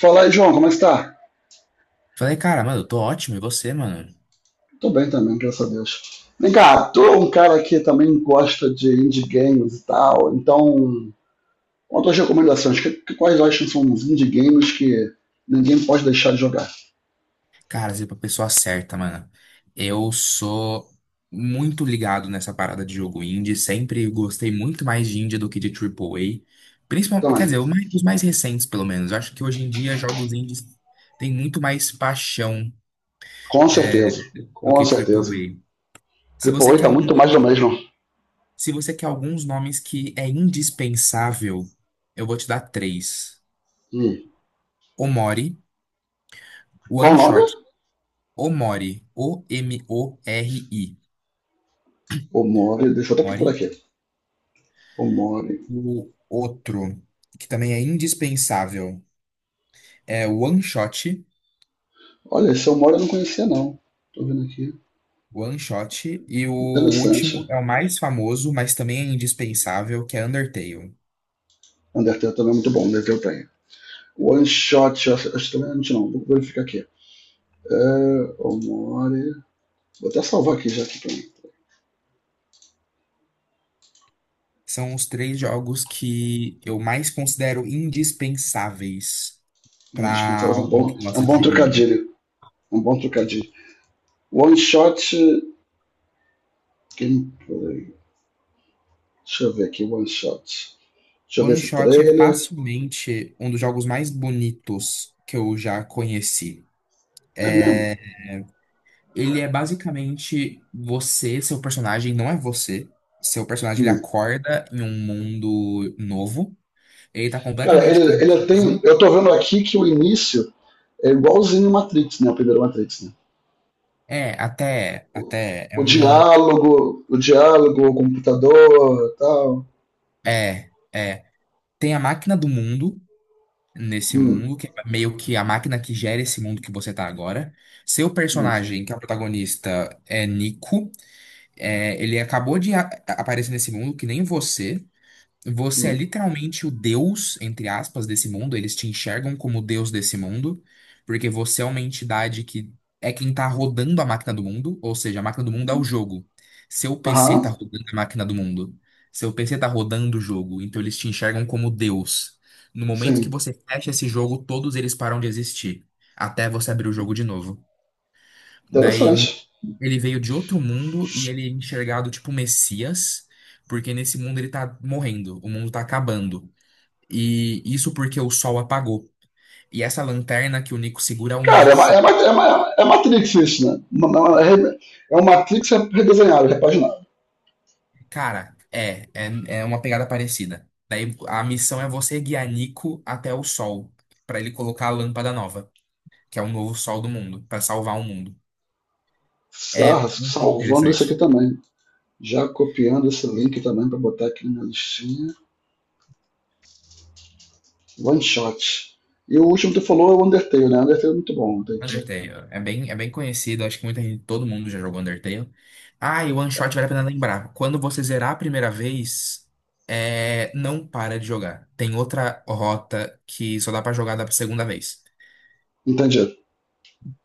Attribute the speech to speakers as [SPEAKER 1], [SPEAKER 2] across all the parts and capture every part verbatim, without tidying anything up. [SPEAKER 1] Fala aí, João, como é que está?
[SPEAKER 2] Falei, cara, mano, eu tô ótimo, e você, mano?
[SPEAKER 1] Tô bem também, graças a Deus. Vem cá, tô um cara que também gosta de indie games e tal, então, outras recomendações, que, que- quais acham que são os indie games que ninguém pode deixar de jogar?
[SPEAKER 2] Cara, você é pra pessoa certa, mano. Eu sou muito ligado nessa parada de jogo indie, sempre gostei muito mais de indie do que de triple A. Principalmente, quer
[SPEAKER 1] Também,
[SPEAKER 2] dizer, o mais- os mais recentes, pelo menos. Eu acho que hoje em dia jogos indies têm muito mais paixão
[SPEAKER 1] com certeza,
[SPEAKER 2] do
[SPEAKER 1] com
[SPEAKER 2] que
[SPEAKER 1] certeza.
[SPEAKER 2] triple A. Se
[SPEAKER 1] Triple
[SPEAKER 2] você
[SPEAKER 1] A
[SPEAKER 2] quer
[SPEAKER 1] tá
[SPEAKER 2] um,
[SPEAKER 1] muito mais do mesmo.
[SPEAKER 2] se você quer alguns nomes que é indispensável, eu vou te dar três.
[SPEAKER 1] Hum.
[SPEAKER 2] Omori,
[SPEAKER 1] Qual
[SPEAKER 2] One
[SPEAKER 1] o nome?
[SPEAKER 2] Shot, Omori, O M O R I.
[SPEAKER 1] Omori, deixa eu até procurar
[SPEAKER 2] O M O R I.
[SPEAKER 1] aqui. Omori.
[SPEAKER 2] O outro, que também é indispensável, é o One Shot.
[SPEAKER 1] Olha, esse Omori eu não conhecia, não. Tô vendo aqui.
[SPEAKER 2] One Shot. E o
[SPEAKER 1] Interessante.
[SPEAKER 2] último é o mais famoso, mas também é indispensável, que é Undertale.
[SPEAKER 1] Undertale também é muito bom, Undertale tem. One Shot, eu acho eu acho que também é antes não, vou verificar aqui. É, Omori. Vou até salvar aqui já aqui pra
[SPEAKER 2] São os três jogos que eu mais considero indispensáveis
[SPEAKER 1] não
[SPEAKER 2] para
[SPEAKER 1] descansar. É um
[SPEAKER 2] alguém
[SPEAKER 1] bom,
[SPEAKER 2] que
[SPEAKER 1] é um
[SPEAKER 2] gosta de
[SPEAKER 1] bom
[SPEAKER 2] jogo indie.
[SPEAKER 1] trocadilho. É um bom trocadilho. One shot. Quem, deixa eu ver aqui, one shot. Deixa
[SPEAKER 2] O
[SPEAKER 1] eu ver
[SPEAKER 2] One
[SPEAKER 1] esse
[SPEAKER 2] Shot é
[SPEAKER 1] trailer.
[SPEAKER 2] facilmente um dos jogos mais bonitos que eu já conheci.
[SPEAKER 1] É mesmo.
[SPEAKER 2] Ele é basicamente você, seu personagem não é você. Seu personagem ele
[SPEAKER 1] Hum.
[SPEAKER 2] acorda em um mundo novo. Ele tá
[SPEAKER 1] Cara,
[SPEAKER 2] completamente
[SPEAKER 1] ele, ele tem.
[SPEAKER 2] confuso.
[SPEAKER 1] Eu tô vendo aqui que o início é igualzinho o Matrix, né? O primeiro Matrix, né?
[SPEAKER 2] É, até, até é
[SPEAKER 1] O
[SPEAKER 2] um,
[SPEAKER 1] diálogo, o diálogo, o computador e tal.
[SPEAKER 2] é, é, tem a máquina do mundo nesse
[SPEAKER 1] Hum,
[SPEAKER 2] mundo que é meio que a máquina que gera esse mundo que você tá agora. Seu
[SPEAKER 1] hum,
[SPEAKER 2] personagem, que é o protagonista, é Nico. É, ele acabou de a- aparecer nesse mundo que nem você. Você é
[SPEAKER 1] hum.
[SPEAKER 2] literalmente o deus, entre aspas, desse mundo. Eles te enxergam como o deus desse mundo, porque você é uma entidade que é quem tá rodando a máquina do mundo, ou seja, a máquina do mundo é o jogo. Seu P C tá
[SPEAKER 1] Aham,
[SPEAKER 2] rodando a máquina do mundo. Seu P C tá rodando o jogo, então eles te enxergam como deus. No momento que
[SPEAKER 1] sim.
[SPEAKER 2] você fecha esse jogo, todos eles param de existir, até você abrir o jogo de novo. Daí
[SPEAKER 1] Interessante.
[SPEAKER 2] ele veio de outro mundo e ele é enxergado tipo Messias, porque nesse mundo ele tá morrendo, o mundo tá acabando. E isso porque o sol apagou. E essa lanterna que o Nico segura é um
[SPEAKER 1] Cara,
[SPEAKER 2] novo
[SPEAKER 1] é, é, é,
[SPEAKER 2] sol.
[SPEAKER 1] é é Matrix isso, né? É um Matrix redesenhado, repaginado.
[SPEAKER 2] Cara, é, é, é uma pegada parecida. Daí a missão é você guiar Nico até o sol, pra ele colocar a lâmpada nova, que é o novo sol do mundo, pra salvar o mundo.
[SPEAKER 1] Ah,
[SPEAKER 2] É muito
[SPEAKER 1] salvando esse aqui
[SPEAKER 2] interessante.
[SPEAKER 1] também. Já copiando esse link também para botar aqui na minha listinha. One shot. E o último que tu falou é o Undertale, né? Undertale é muito bom. Tem que...
[SPEAKER 2] Undertale. É bem, é bem conhecido, acho que muita gente, todo mundo já jogou Undertale. Ah, e o One Shot vale a pena lembrar. Quando você zerar a primeira vez, é, não para de jogar. Tem outra rota que só dá pra jogar da segunda vez.
[SPEAKER 1] Entendi.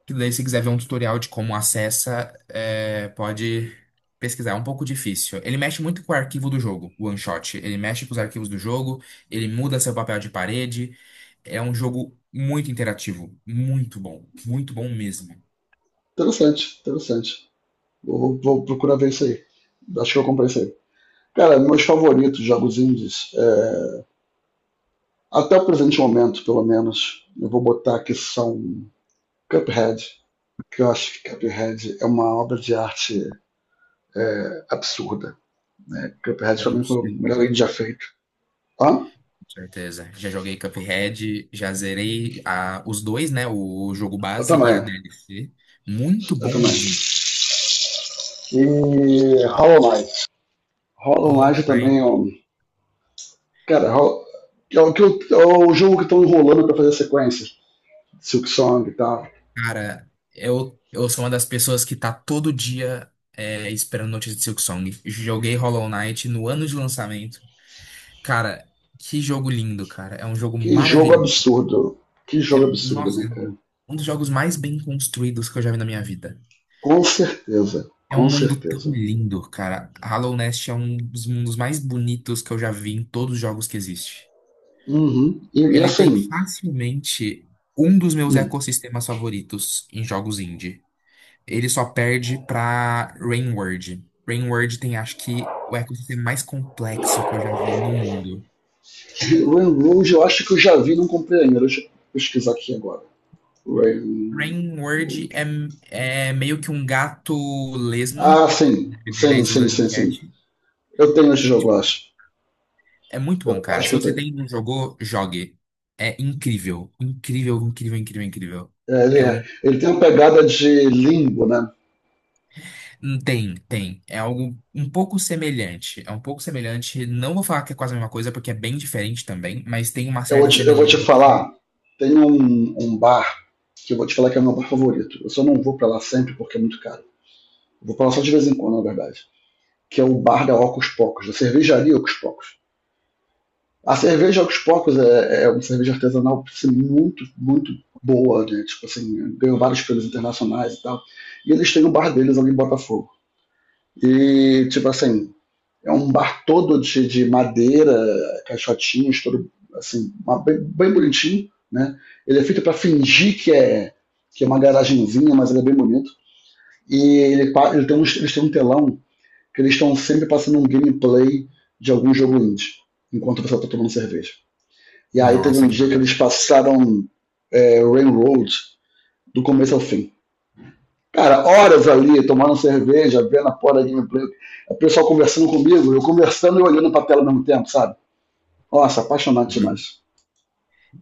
[SPEAKER 2] Que daí, se quiser ver um tutorial de como acessa, é, pode pesquisar. É um pouco difícil. Ele mexe muito com o arquivo do jogo, o One Shot. Ele mexe com os arquivos do jogo, ele muda seu papel de parede. É um jogo muito interativo, muito bom, muito bom mesmo.
[SPEAKER 1] Interessante, interessante. Vou, vou procurar ver isso aí. Acho que eu comprei isso aí. Cara, meus favoritos jogos indies, é... até o presente momento, pelo menos, eu vou botar que são Cuphead, que eu acho que Cuphead é uma obra de arte é, absurda. Né? Cuphead também
[SPEAKER 2] Com
[SPEAKER 1] mim foi o melhor game
[SPEAKER 2] certeza,
[SPEAKER 1] já feito. Hã?
[SPEAKER 2] com certeza. Já joguei Cuphead, já zerei a, os dois, né? O jogo
[SPEAKER 1] Eu
[SPEAKER 2] base e a
[SPEAKER 1] também.
[SPEAKER 2] D L C. Muito
[SPEAKER 1] Eu
[SPEAKER 2] bom
[SPEAKER 1] também.
[SPEAKER 2] mesmo.
[SPEAKER 1] E Hollow Knight. Hollow Knight
[SPEAKER 2] Hollow Knight,
[SPEAKER 1] também é um... Cara, é o, que eu- é o jogo que estão enrolando para fazer sequência. Silk Song e tal.
[SPEAKER 2] cara, eu, eu sou uma das pessoas que tá todo dia é, esperando notícia de Silksong. Joguei Hollow Knight no ano de lançamento. Cara, que jogo lindo, cara. É um jogo
[SPEAKER 1] Que jogo
[SPEAKER 2] maravilhoso.
[SPEAKER 1] absurdo. Que
[SPEAKER 2] É,
[SPEAKER 1] jogo absurdo,
[SPEAKER 2] nossa,
[SPEAKER 1] né,
[SPEAKER 2] é
[SPEAKER 1] cara?
[SPEAKER 2] um dos jogos mais bem construídos que eu já vi na minha vida.
[SPEAKER 1] Com certeza.
[SPEAKER 2] É um
[SPEAKER 1] Com
[SPEAKER 2] mundo tão
[SPEAKER 1] certeza.
[SPEAKER 2] lindo, cara. Hollow Knight é um dos mundos mais bonitos que eu já vi em todos os jogos que existe.
[SPEAKER 1] Uhum. E, e
[SPEAKER 2] Ele tem
[SPEAKER 1] assim,
[SPEAKER 2] facilmente um dos meus
[SPEAKER 1] hum,
[SPEAKER 2] ecossistemas favoritos em jogos indie. Ele só perde pra Rain World. Rain World tem, acho que, o ecossistema mais complexo que eu já vi no mundo.
[SPEAKER 1] Rain Rouge eu acho que eu já vi, não comprei ainda. Deixa eu pesquisar aqui agora. Rain.
[SPEAKER 2] Rain World é, é meio que um gato lesma.
[SPEAKER 1] Ah, sim.
[SPEAKER 2] O nome dele é
[SPEAKER 1] Sim, sim,
[SPEAKER 2] Slug
[SPEAKER 1] sim, sim.
[SPEAKER 2] Cat.
[SPEAKER 1] Eu tenho esse
[SPEAKER 2] É,
[SPEAKER 1] jogo, eu acho.
[SPEAKER 2] É muito bom,
[SPEAKER 1] Eu
[SPEAKER 2] cara.
[SPEAKER 1] acho
[SPEAKER 2] Se
[SPEAKER 1] que eu
[SPEAKER 2] você
[SPEAKER 1] tenho.
[SPEAKER 2] tem não jogou, jogue. É incrível. Incrível, incrível, incrível, incrível.
[SPEAKER 1] É, ele,
[SPEAKER 2] É
[SPEAKER 1] é-
[SPEAKER 2] um.
[SPEAKER 1] ele tem uma pegada de limbo, né?
[SPEAKER 2] hum, Tem, tem. É algo um pouco semelhante. É um pouco semelhante. Não vou falar que é quase a mesma coisa, porque é bem diferente também, mas tem uma
[SPEAKER 1] Eu vou
[SPEAKER 2] certa
[SPEAKER 1] te, eu vou te
[SPEAKER 2] semelhança.
[SPEAKER 1] falar, tem um, um bar que eu vou te falar que é o meu bar favorito. Eu só não vou pra lá sempre porque é muito caro. Eu vou pra lá só de vez em quando, na verdade. Que é o bar da Ocos Pocos, da cervejaria Ocos Pocos. A cerveja aos poucos é, é uma cerveja artesanal assim, muito, muito boa, né? Tipo assim, ganhou vários prêmios internacionais e tal. E eles têm o bar deles ali em Botafogo. E, tipo assim, é um bar todo de, de madeira, caixotinhos, todo assim, uma, bem, bem, bonitinho, né? Ele é feito para fingir que é que é uma garagenzinha, mas ele é bem bonito. E ele, pa- ele tem um, eles têm um telão que eles estão sempre passando um gameplay de algum jogo indie, enquanto você está tomando cerveja. E aí teve um
[SPEAKER 2] Nossa, que
[SPEAKER 1] dia
[SPEAKER 2] da
[SPEAKER 1] que
[SPEAKER 2] hora.
[SPEAKER 1] eles passaram é, Railroad do começo ao fim. Cara, horas ali, tomando cerveja, vendo a porra da gameplay, o pessoal conversando comigo, eu conversando e olhando pra tela ao mesmo tempo, sabe? Nossa, apaixonante
[SPEAKER 2] Hum.
[SPEAKER 1] demais.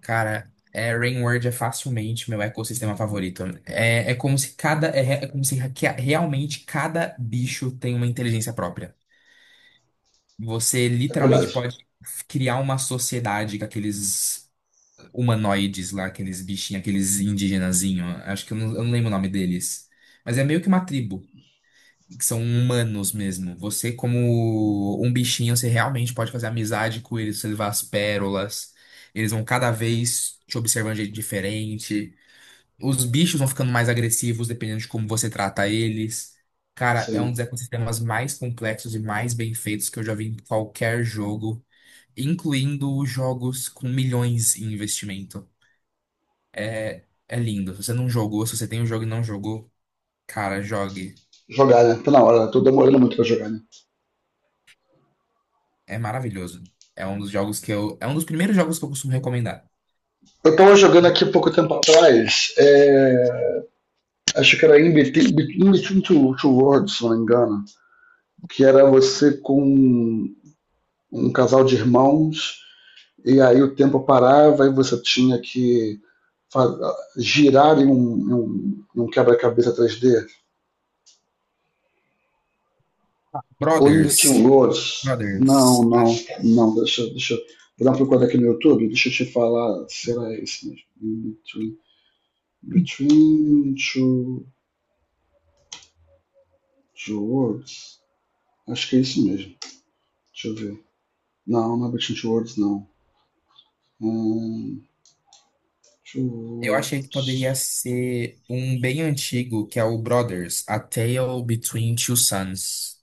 [SPEAKER 2] Cara, é, Rainward é facilmente meu ecossistema favorito. É, é como se cada. É, re- é como se que- realmente cada bicho tem uma inteligência própria. Você
[SPEAKER 1] É
[SPEAKER 2] literalmente
[SPEAKER 1] verdade.
[SPEAKER 2] pode criar uma sociedade com aqueles humanoides lá, aqueles bichinhos, aqueles indigenazinho. Acho que eu não, eu não lembro o nome deles. Mas é meio que uma tribo, que são humanos mesmo. Você, como um bichinho, você realmente pode fazer amizade com eles, você levar as pérolas. Eles vão cada vez te observando de jeito diferente. Os bichos vão ficando mais agressivos dependendo de como você trata eles. Cara, é um
[SPEAKER 1] Sim.
[SPEAKER 2] dos ecossistemas mais complexos e mais bem feitos que eu já vi em qualquer jogo, incluindo jogos com milhões em investimento. É, é lindo. Se você não jogou, se você tem o jogo e não jogou, cara, jogue.
[SPEAKER 1] Jogar, né? Tá na hora, tô demorando muito pra jogar, né?
[SPEAKER 2] É maravilhoso. É um dos jogos que eu. É um dos primeiros jogos que eu costumo recomendar.
[SPEAKER 1] Eu tava jogando aqui pouco tempo atrás, é... Acho que era In Between, In Between Two, Two Worlds, se não me engano, que era você com um casal de irmãos e aí o tempo parava e você tinha que girar em um, um, um quebra-cabeça três D? Ou invertiam
[SPEAKER 2] Brothers.
[SPEAKER 1] louros? Não,
[SPEAKER 2] Brothers.
[SPEAKER 1] não,
[SPEAKER 2] Ah,
[SPEAKER 1] não, deixa, deixa eu Vou dar uma procurada aqui no YouTube, deixa eu te falar Será era esse mesmo. Between two, two Worlds. Acho que é isso mesmo. Deixa eu ver. Não, não é Between Two Worlds, não. Hum, two
[SPEAKER 2] eu achei que poderia
[SPEAKER 1] Worlds.
[SPEAKER 2] ser um bem antigo, que é o Brothers, A Tale Between Two Sons.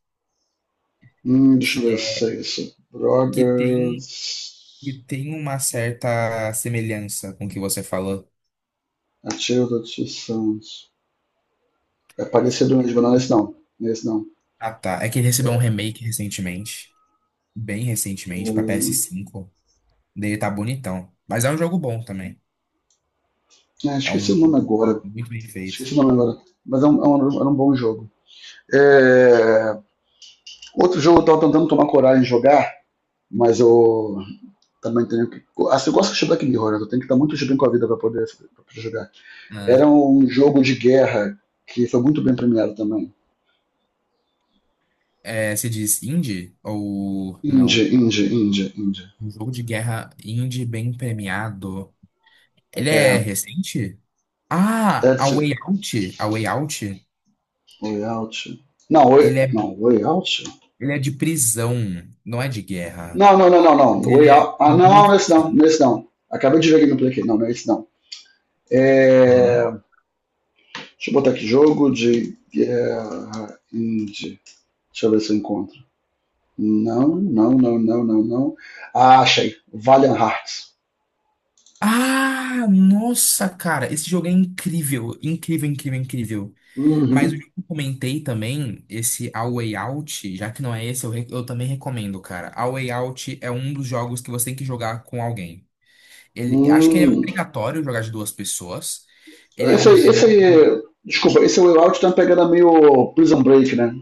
[SPEAKER 1] Hum, deixa
[SPEAKER 2] Que
[SPEAKER 1] eu ver se
[SPEAKER 2] é.
[SPEAKER 1] é isso.
[SPEAKER 2] Que tem. Que
[SPEAKER 1] Brothers.
[SPEAKER 2] tem uma certa semelhança com o que você falou.
[SPEAKER 1] Artigo do Ortiz Santos. É parecido mesmo, não, esse não. Esse não.
[SPEAKER 2] Ah, tá. É que ele recebeu um remake recentemente. Bem recentemente, pra P S cinco. Dele tá bonitão. Mas é um jogo bom também.
[SPEAKER 1] É é,
[SPEAKER 2] É
[SPEAKER 1] esqueci
[SPEAKER 2] um
[SPEAKER 1] o nome
[SPEAKER 2] jogo
[SPEAKER 1] agora.
[SPEAKER 2] muito bem feito.
[SPEAKER 1] Esqueci o nome agora. Mas é um, é um- era um bom jogo. É, Outro jogo eu tava tentando tomar coragem de jogar, mas eu também tenho que. Assim, eu gosto de Black Mirror, né? Eu tenho que estar muito de bem com a vida para poder, poder jogar.
[SPEAKER 2] Ah,
[SPEAKER 1] Era um jogo de guerra que foi muito bem premiado também.
[SPEAKER 2] é, se diz indie ou
[SPEAKER 1] Indie,
[SPEAKER 2] não?
[SPEAKER 1] indie, indie, indie.
[SPEAKER 2] Um jogo de guerra indie bem premiado. Ele é
[SPEAKER 1] É.
[SPEAKER 2] recente? Ah, A
[SPEAKER 1] Edson,
[SPEAKER 2] Way Out. A Way Out.
[SPEAKER 1] Way Out. Não,
[SPEAKER 2] Ele
[SPEAKER 1] Way,
[SPEAKER 2] é,
[SPEAKER 1] não, Way Out?
[SPEAKER 2] ele é de prisão, não é de guerra.
[SPEAKER 1] Não, não, não, não, não. Way
[SPEAKER 2] Ele é
[SPEAKER 1] Out. Ah, não, não
[SPEAKER 2] muito.
[SPEAKER 1] é esse não,
[SPEAKER 2] Parecido.
[SPEAKER 1] nesse não. Acabei de ver gameplay aqui. Não, não é esse não.
[SPEAKER 2] Uhum.
[SPEAKER 1] É, Deixa eu botar aqui jogo de guerra indie. Deixa eu ver se eu encontro. Não, não, não, não, não, não. Ah, achei. Valiant Hearts.
[SPEAKER 2] Ah, nossa, cara. Esse jogo é incrível. Incrível, incrível, incrível. Mas o jogo
[SPEAKER 1] Uhum.
[SPEAKER 2] que eu comentei também, esse A Way Out, já que não é esse, eu, re- eu também recomendo, cara. A Way Out é um dos jogos que você tem que jogar com alguém. Ele, acho que ele é
[SPEAKER 1] Hum.
[SPEAKER 2] obrigatório jogar de duas pessoas. Ele é
[SPEAKER 1] Esse
[SPEAKER 2] um
[SPEAKER 1] aí, esse
[SPEAKER 2] jogo.
[SPEAKER 1] aí. Desculpa, esse Way Out tá pegando meio Prison Break, né?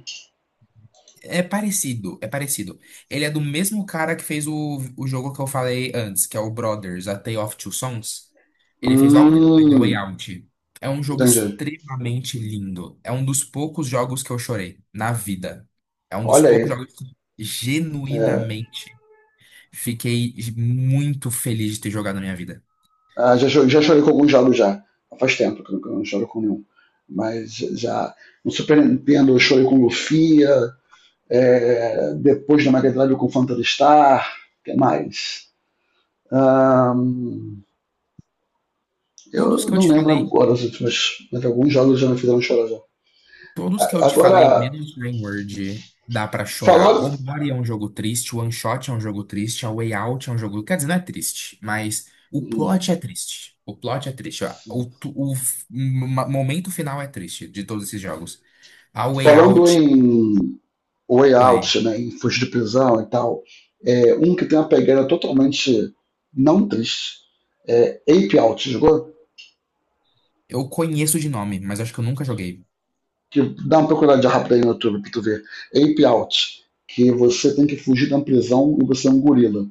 [SPEAKER 2] É parecido, é parecido. Ele é do mesmo cara que fez o, o jogo que eu falei antes, que é o Brothers, A Tale of Two Sons. Ele fez logo depois, A Way
[SPEAKER 1] Hum.
[SPEAKER 2] Out. É um jogo
[SPEAKER 1] Entendi.
[SPEAKER 2] extremamente lindo. É um dos poucos jogos que eu chorei na vida. É um dos
[SPEAKER 1] Olha aí.
[SPEAKER 2] poucos jogos que
[SPEAKER 1] É,
[SPEAKER 2] genuinamente fiquei muito feliz de ter jogado na minha vida.
[SPEAKER 1] Ah, já, já chorei com alguns jogos já. Faz tempo que eu não, eu não choro com nenhum. Mas já no Super Nintendo eu chorei com Lufia, é, depois na Mega Drive com Phantasy o que mais? Ahn,
[SPEAKER 2] Todos
[SPEAKER 1] eu
[SPEAKER 2] que eu
[SPEAKER 1] não
[SPEAKER 2] te
[SPEAKER 1] lembro
[SPEAKER 2] falei.
[SPEAKER 1] agora os últimos, mas alguns jogos já me fizeram chorar já.
[SPEAKER 2] Todos que eu te
[SPEAKER 1] Agora,
[SPEAKER 2] falei, menos Word dá pra chorar.
[SPEAKER 1] falando,
[SPEAKER 2] O Mario é um jogo triste, o One Shot é um jogo triste, a Way Out é um jogo. Quer dizer, não é triste, mas o
[SPEAKER 1] hum,
[SPEAKER 2] plot é triste. O plot é triste. Ó. O, tu- o f- m- momento final é triste de todos esses jogos. A Way
[SPEAKER 1] falando
[SPEAKER 2] Out,
[SPEAKER 1] em Way
[SPEAKER 2] oi,
[SPEAKER 1] Out, né, em Fugir de Prisão e tal, é, um que tem uma pegada totalmente não triste, é Ape Out, jogou?
[SPEAKER 2] eu conheço de nome, mas acho que eu nunca joguei.
[SPEAKER 1] Que dá uma procuradinha rápida aí no YouTube pra tu ver. Ape Out, que você tem que fugir da prisão e você é um gorila.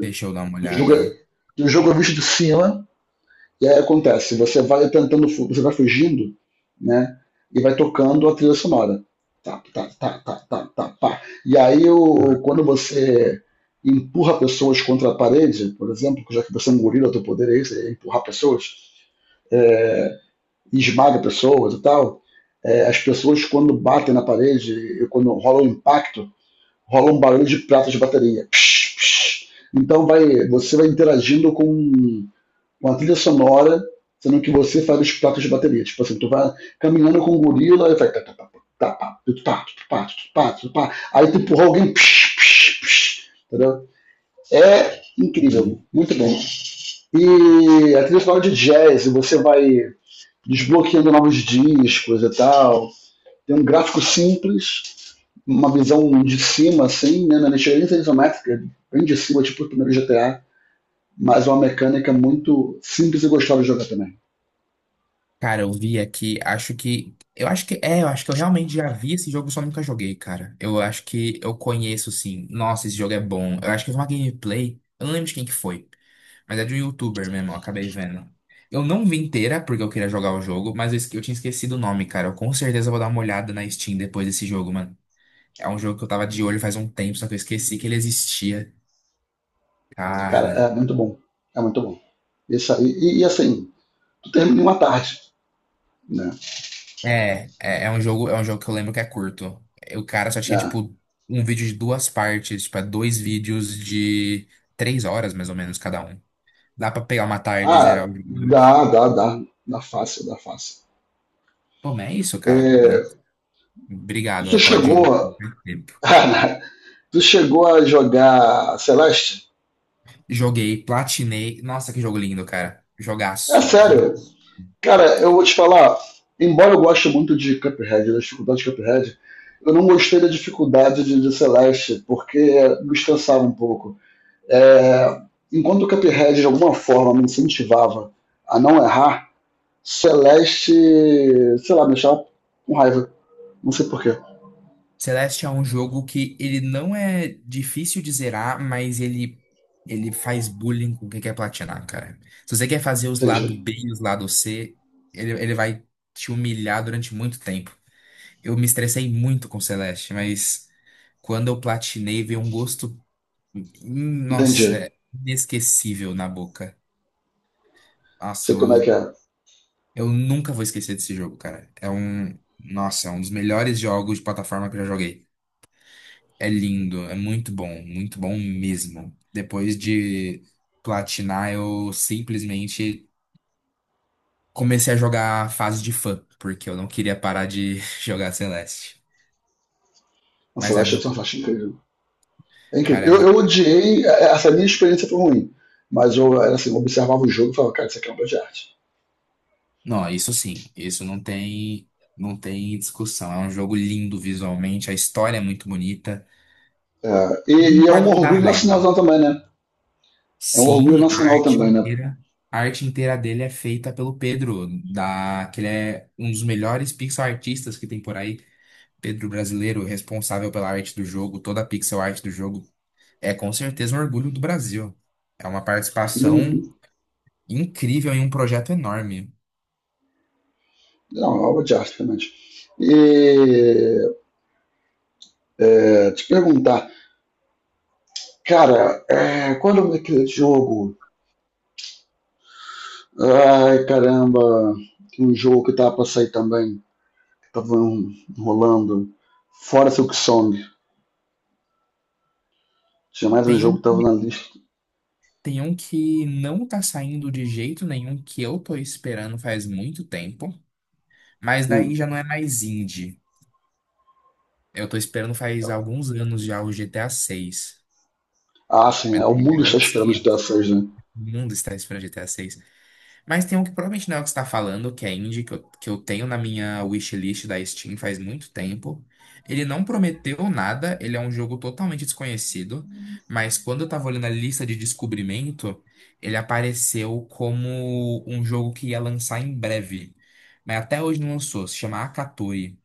[SPEAKER 2] Deixa eu dar uma
[SPEAKER 1] E o jogo é,
[SPEAKER 2] olhada.
[SPEAKER 1] e o jogo é visto de cima, e aí acontece, você vai tentando, fu- você vai fugindo, né? E vai tocando a trilha sonora. Tá, tá, tá, tá, tá, tá, pá. E aí o, quando você empurra pessoas contra a parede, por exemplo, já que você é um gorila, teu poder é esse, é empurrar pessoas, é, e esmaga pessoas e tal, é, as pessoas quando batem na parede e quando rola um impacto, rola um barulho de pratas de bateria. Psh, psh. Então vai, você vai interagindo com, com a trilha sonora, sendo que você faz os pratos de bateria. Tipo assim, tu vai caminhando com um gorila e vai. Tá, tá, tá, tá, tá, tá, tá, tá, Aí tu empurra alguém. Psh, psh, psh, entendeu? É incrível, muito bom. E a trilha sonora de jazz, você vai desbloqueando novos discos e tal. Tem um gráfico simples, uma visão de cima, assim, né, na mexerinha isométrica, bem de cima, tipo o primeiro G T A, mas uma mecânica muito simples e gostosa de jogar também.
[SPEAKER 2] Cara, eu vi aqui, acho que. Eu acho que. É, eu acho que eu realmente já vi esse jogo, só nunca joguei, cara. Eu acho que eu conheço, sim. Nossa, esse jogo é bom. Eu acho que eu vi uma gameplay. Eu não lembro de quem que foi. Mas é de um youtuber mesmo, eu acabei vendo. Eu não vi inteira, porque eu queria jogar o jogo, mas eu, esque- eu tinha esquecido o nome, cara. Eu com certeza vou dar uma olhada na Steam depois desse jogo, mano. É um jogo que eu tava de olho faz um tempo, só que eu esqueci que ele existia.
[SPEAKER 1] Cara, é
[SPEAKER 2] Cara.
[SPEAKER 1] muito bom. É muito bom. Isso aí, e, e assim, tu termina em uma tarde, né?
[SPEAKER 2] É, é, é um jogo, é um jogo que eu lembro que é curto. O cara só tinha,
[SPEAKER 1] É.
[SPEAKER 2] tipo, um vídeo de duas partes, tipo, é dois vídeos de três horas, mais ou menos, cada um. Dá pra pegar uma tarde e zerar
[SPEAKER 1] Ah,
[SPEAKER 2] o jogo.
[SPEAKER 1] dá, dá, dá. Dá fácil, dá fácil.
[SPEAKER 2] Pô, mas é isso, cara.
[SPEAKER 1] É,
[SPEAKER 2] Hum. Obrigado,
[SPEAKER 1] Tu
[SPEAKER 2] eu tava de
[SPEAKER 1] chegou.
[SPEAKER 2] olho no tempo.
[SPEAKER 1] Tu chegou a jogar Celeste?
[SPEAKER 2] Joguei, platinei. Nossa, que jogo lindo, cara.
[SPEAKER 1] É
[SPEAKER 2] Jogaço. Jogo.
[SPEAKER 1] sério. Cara, eu vou te falar, embora eu goste muito de Cuphead, da dificuldade de Cuphead, eu não gostei da dificuldade de, de Celeste, porque me estressava um pouco. É, Enquanto o Cuphead de alguma forma me incentivava a não errar, Celeste, sei lá, me deixava com raiva. Não sei porquê.
[SPEAKER 2] Celeste é um jogo que ele não é difícil de zerar, mas ele ele faz bullying com quem quer platinar, cara. Se você quer fazer os lados
[SPEAKER 1] Entendi.
[SPEAKER 2] B e os lados, C, ele, ele vai te humilhar durante muito tempo. Eu me estressei muito com Celeste, mas quando eu platinei, veio um gosto, hum, nossa,
[SPEAKER 1] Entendi.
[SPEAKER 2] inesquecível na boca. Nossa,
[SPEAKER 1] Sei como é
[SPEAKER 2] eu,
[SPEAKER 1] que é.
[SPEAKER 2] eu nunca vou esquecer desse jogo, cara. É um, nossa, é um dos melhores jogos de plataforma que eu já joguei. É lindo, é muito bom, muito bom mesmo. Depois de platinar, eu simplesmente comecei a jogar a fase de fã, porque eu não queria parar de jogar Celeste.
[SPEAKER 1] A
[SPEAKER 2] Mas é
[SPEAKER 1] Celeste é
[SPEAKER 2] muito,
[SPEAKER 1] fantástico, incrível. É
[SPEAKER 2] cara, é
[SPEAKER 1] incrível. Eu,
[SPEAKER 2] muito...
[SPEAKER 1] eu odiei, é, essa minha experiência foi ruim. Mas eu, era assim, eu observava o jogo e falava, cara, isso aqui é uma obra de arte.
[SPEAKER 2] Não, isso sim, isso não tem, não tem discussão. É um jogo lindo visualmente, a história é muito bonita.
[SPEAKER 1] É, e,
[SPEAKER 2] Eu
[SPEAKER 1] e É um
[SPEAKER 2] concordo que dá
[SPEAKER 1] orgulho
[SPEAKER 2] raiva.
[SPEAKER 1] nacional também, né? É um orgulho
[SPEAKER 2] Sim, a
[SPEAKER 1] nacional
[SPEAKER 2] arte
[SPEAKER 1] também, né?
[SPEAKER 2] inteira, a arte inteira dele é feita pelo Pedro, da, que ele é um dos melhores pixel artistas que tem por aí. Pedro Brasileiro, responsável pela arte do jogo, toda a pixel art do jogo, é com certeza um orgulho do Brasil. É uma participação
[SPEAKER 1] Uhum.
[SPEAKER 2] incrível em um projeto enorme.
[SPEAKER 1] Não, é uma obra de arte, realmente. E é, Te perguntar, cara, é, qual é o nome daquele jogo? Ai, caramba, tem um jogo que tava pra sair também, que tava um, rolando. Fora Silk Song. Tinha mais um
[SPEAKER 2] Tem
[SPEAKER 1] jogo
[SPEAKER 2] um,
[SPEAKER 1] que tava na lista.
[SPEAKER 2] tem um que não tá saindo de jeito nenhum, que eu tô esperando faz muito tempo, mas daí
[SPEAKER 1] Hum.
[SPEAKER 2] já não é mais indie. Eu tô esperando faz
[SPEAKER 1] Então.
[SPEAKER 2] alguns anos já o G T A seis.
[SPEAKER 1] Ah, sim, é,
[SPEAKER 2] Mas
[SPEAKER 1] o
[SPEAKER 2] daí já
[SPEAKER 1] mundo
[SPEAKER 2] é
[SPEAKER 1] está
[SPEAKER 2] outros
[SPEAKER 1] esperando de
[SPEAKER 2] quinhentos.
[SPEAKER 1] dessas, né?
[SPEAKER 2] O mundo está esperando G T A seis. Mas tem um que provavelmente não é o que você tá falando, que é indie, que eu, que eu tenho na minha wishlist da Steam faz muito tempo. Ele não prometeu nada, ele é um jogo totalmente desconhecido, mas quando eu tava olhando a lista de descobrimento, ele apareceu como um jogo que ia lançar em breve. Mas até hoje não lançou, se chama Akatori.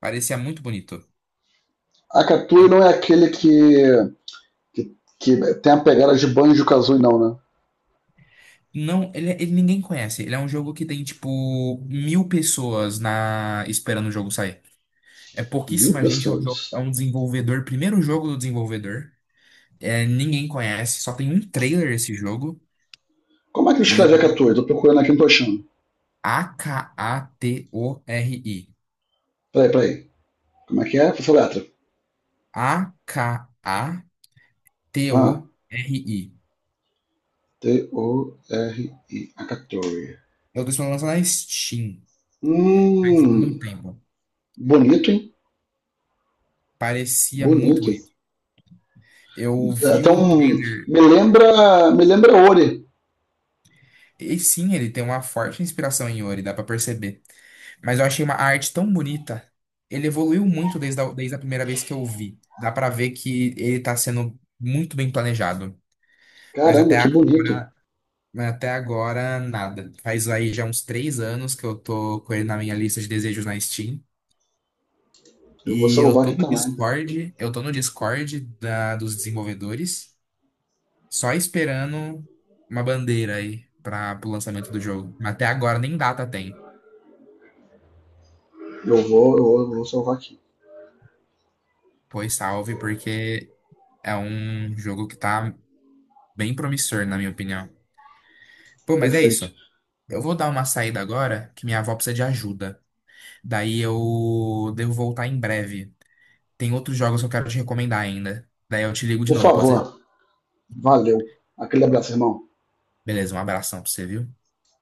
[SPEAKER 2] Parecia muito bonito.
[SPEAKER 1] A Katui
[SPEAKER 2] Ah,
[SPEAKER 1] não é aquele que, que, que tem a pegada de Banjo Kazooie, não, né?
[SPEAKER 2] não, ele, ele ninguém conhece. Ele é um jogo que tem, tipo, mil pessoas na esperando o jogo sair. É
[SPEAKER 1] Mil
[SPEAKER 2] pouquíssima gente, é um
[SPEAKER 1] pastores.
[SPEAKER 2] jogo, é um desenvolvedor, primeiro jogo do desenvolvedor. É, ninguém conhece, só tem um trailer esse jogo.
[SPEAKER 1] Como é que eu escrevi a catorze?
[SPEAKER 2] E
[SPEAKER 1] Tô procurando aqui, não tô achando.
[SPEAKER 2] A K A T O R I.
[SPEAKER 1] Peraí, peraí. Como é que é? Essa letra.
[SPEAKER 2] A K A T O R I.
[SPEAKER 1] Ah, T-O-R-I, a catorze.
[SPEAKER 2] Eu estou lançando na Steam, faz muito
[SPEAKER 1] Hum,
[SPEAKER 2] tempo.
[SPEAKER 1] bonito, hein?
[SPEAKER 2] Parecia muito
[SPEAKER 1] Bonito.
[SPEAKER 2] bonito. Eu vi
[SPEAKER 1] Até
[SPEAKER 2] um
[SPEAKER 1] um.
[SPEAKER 2] trailer.
[SPEAKER 1] Me lembra. Me lembra Ori.
[SPEAKER 2] E sim, ele tem uma forte inspiração em Yuri, dá pra perceber. Mas eu achei uma arte tão bonita. Ele evoluiu muito desde a, desde a primeira vez que eu vi. Dá pra ver que ele tá sendo muito bem planejado. Mas
[SPEAKER 1] Caramba,
[SPEAKER 2] até
[SPEAKER 1] que bonito.
[SPEAKER 2] agora, mas até agora, nada. Faz aí já uns três anos que eu tô com ele na minha lista de desejos na Steam.
[SPEAKER 1] Eu vou
[SPEAKER 2] E eu
[SPEAKER 1] salvar
[SPEAKER 2] tô
[SPEAKER 1] aqui
[SPEAKER 2] no
[SPEAKER 1] também.
[SPEAKER 2] Discord, eu tô no Discord da, dos desenvolvedores, só esperando uma bandeira aí para o lançamento do jogo. Mas até agora nem data tem.
[SPEAKER 1] eu vou, eu vou salvar aqui.
[SPEAKER 2] Pois salve, porque é um jogo que tá bem promissor, na minha opinião. Pô, mas é isso.
[SPEAKER 1] Perfeito.
[SPEAKER 2] Eu vou dar uma saída agora, que minha avó precisa de ajuda. Daí eu devo voltar em breve. Tem outros jogos que eu quero te recomendar ainda. Daí eu te ligo de
[SPEAKER 1] Por
[SPEAKER 2] novo, pode ser?
[SPEAKER 1] favor, valeu. Aquele abraço, irmão.
[SPEAKER 2] Beleza, um abração pra você, viu?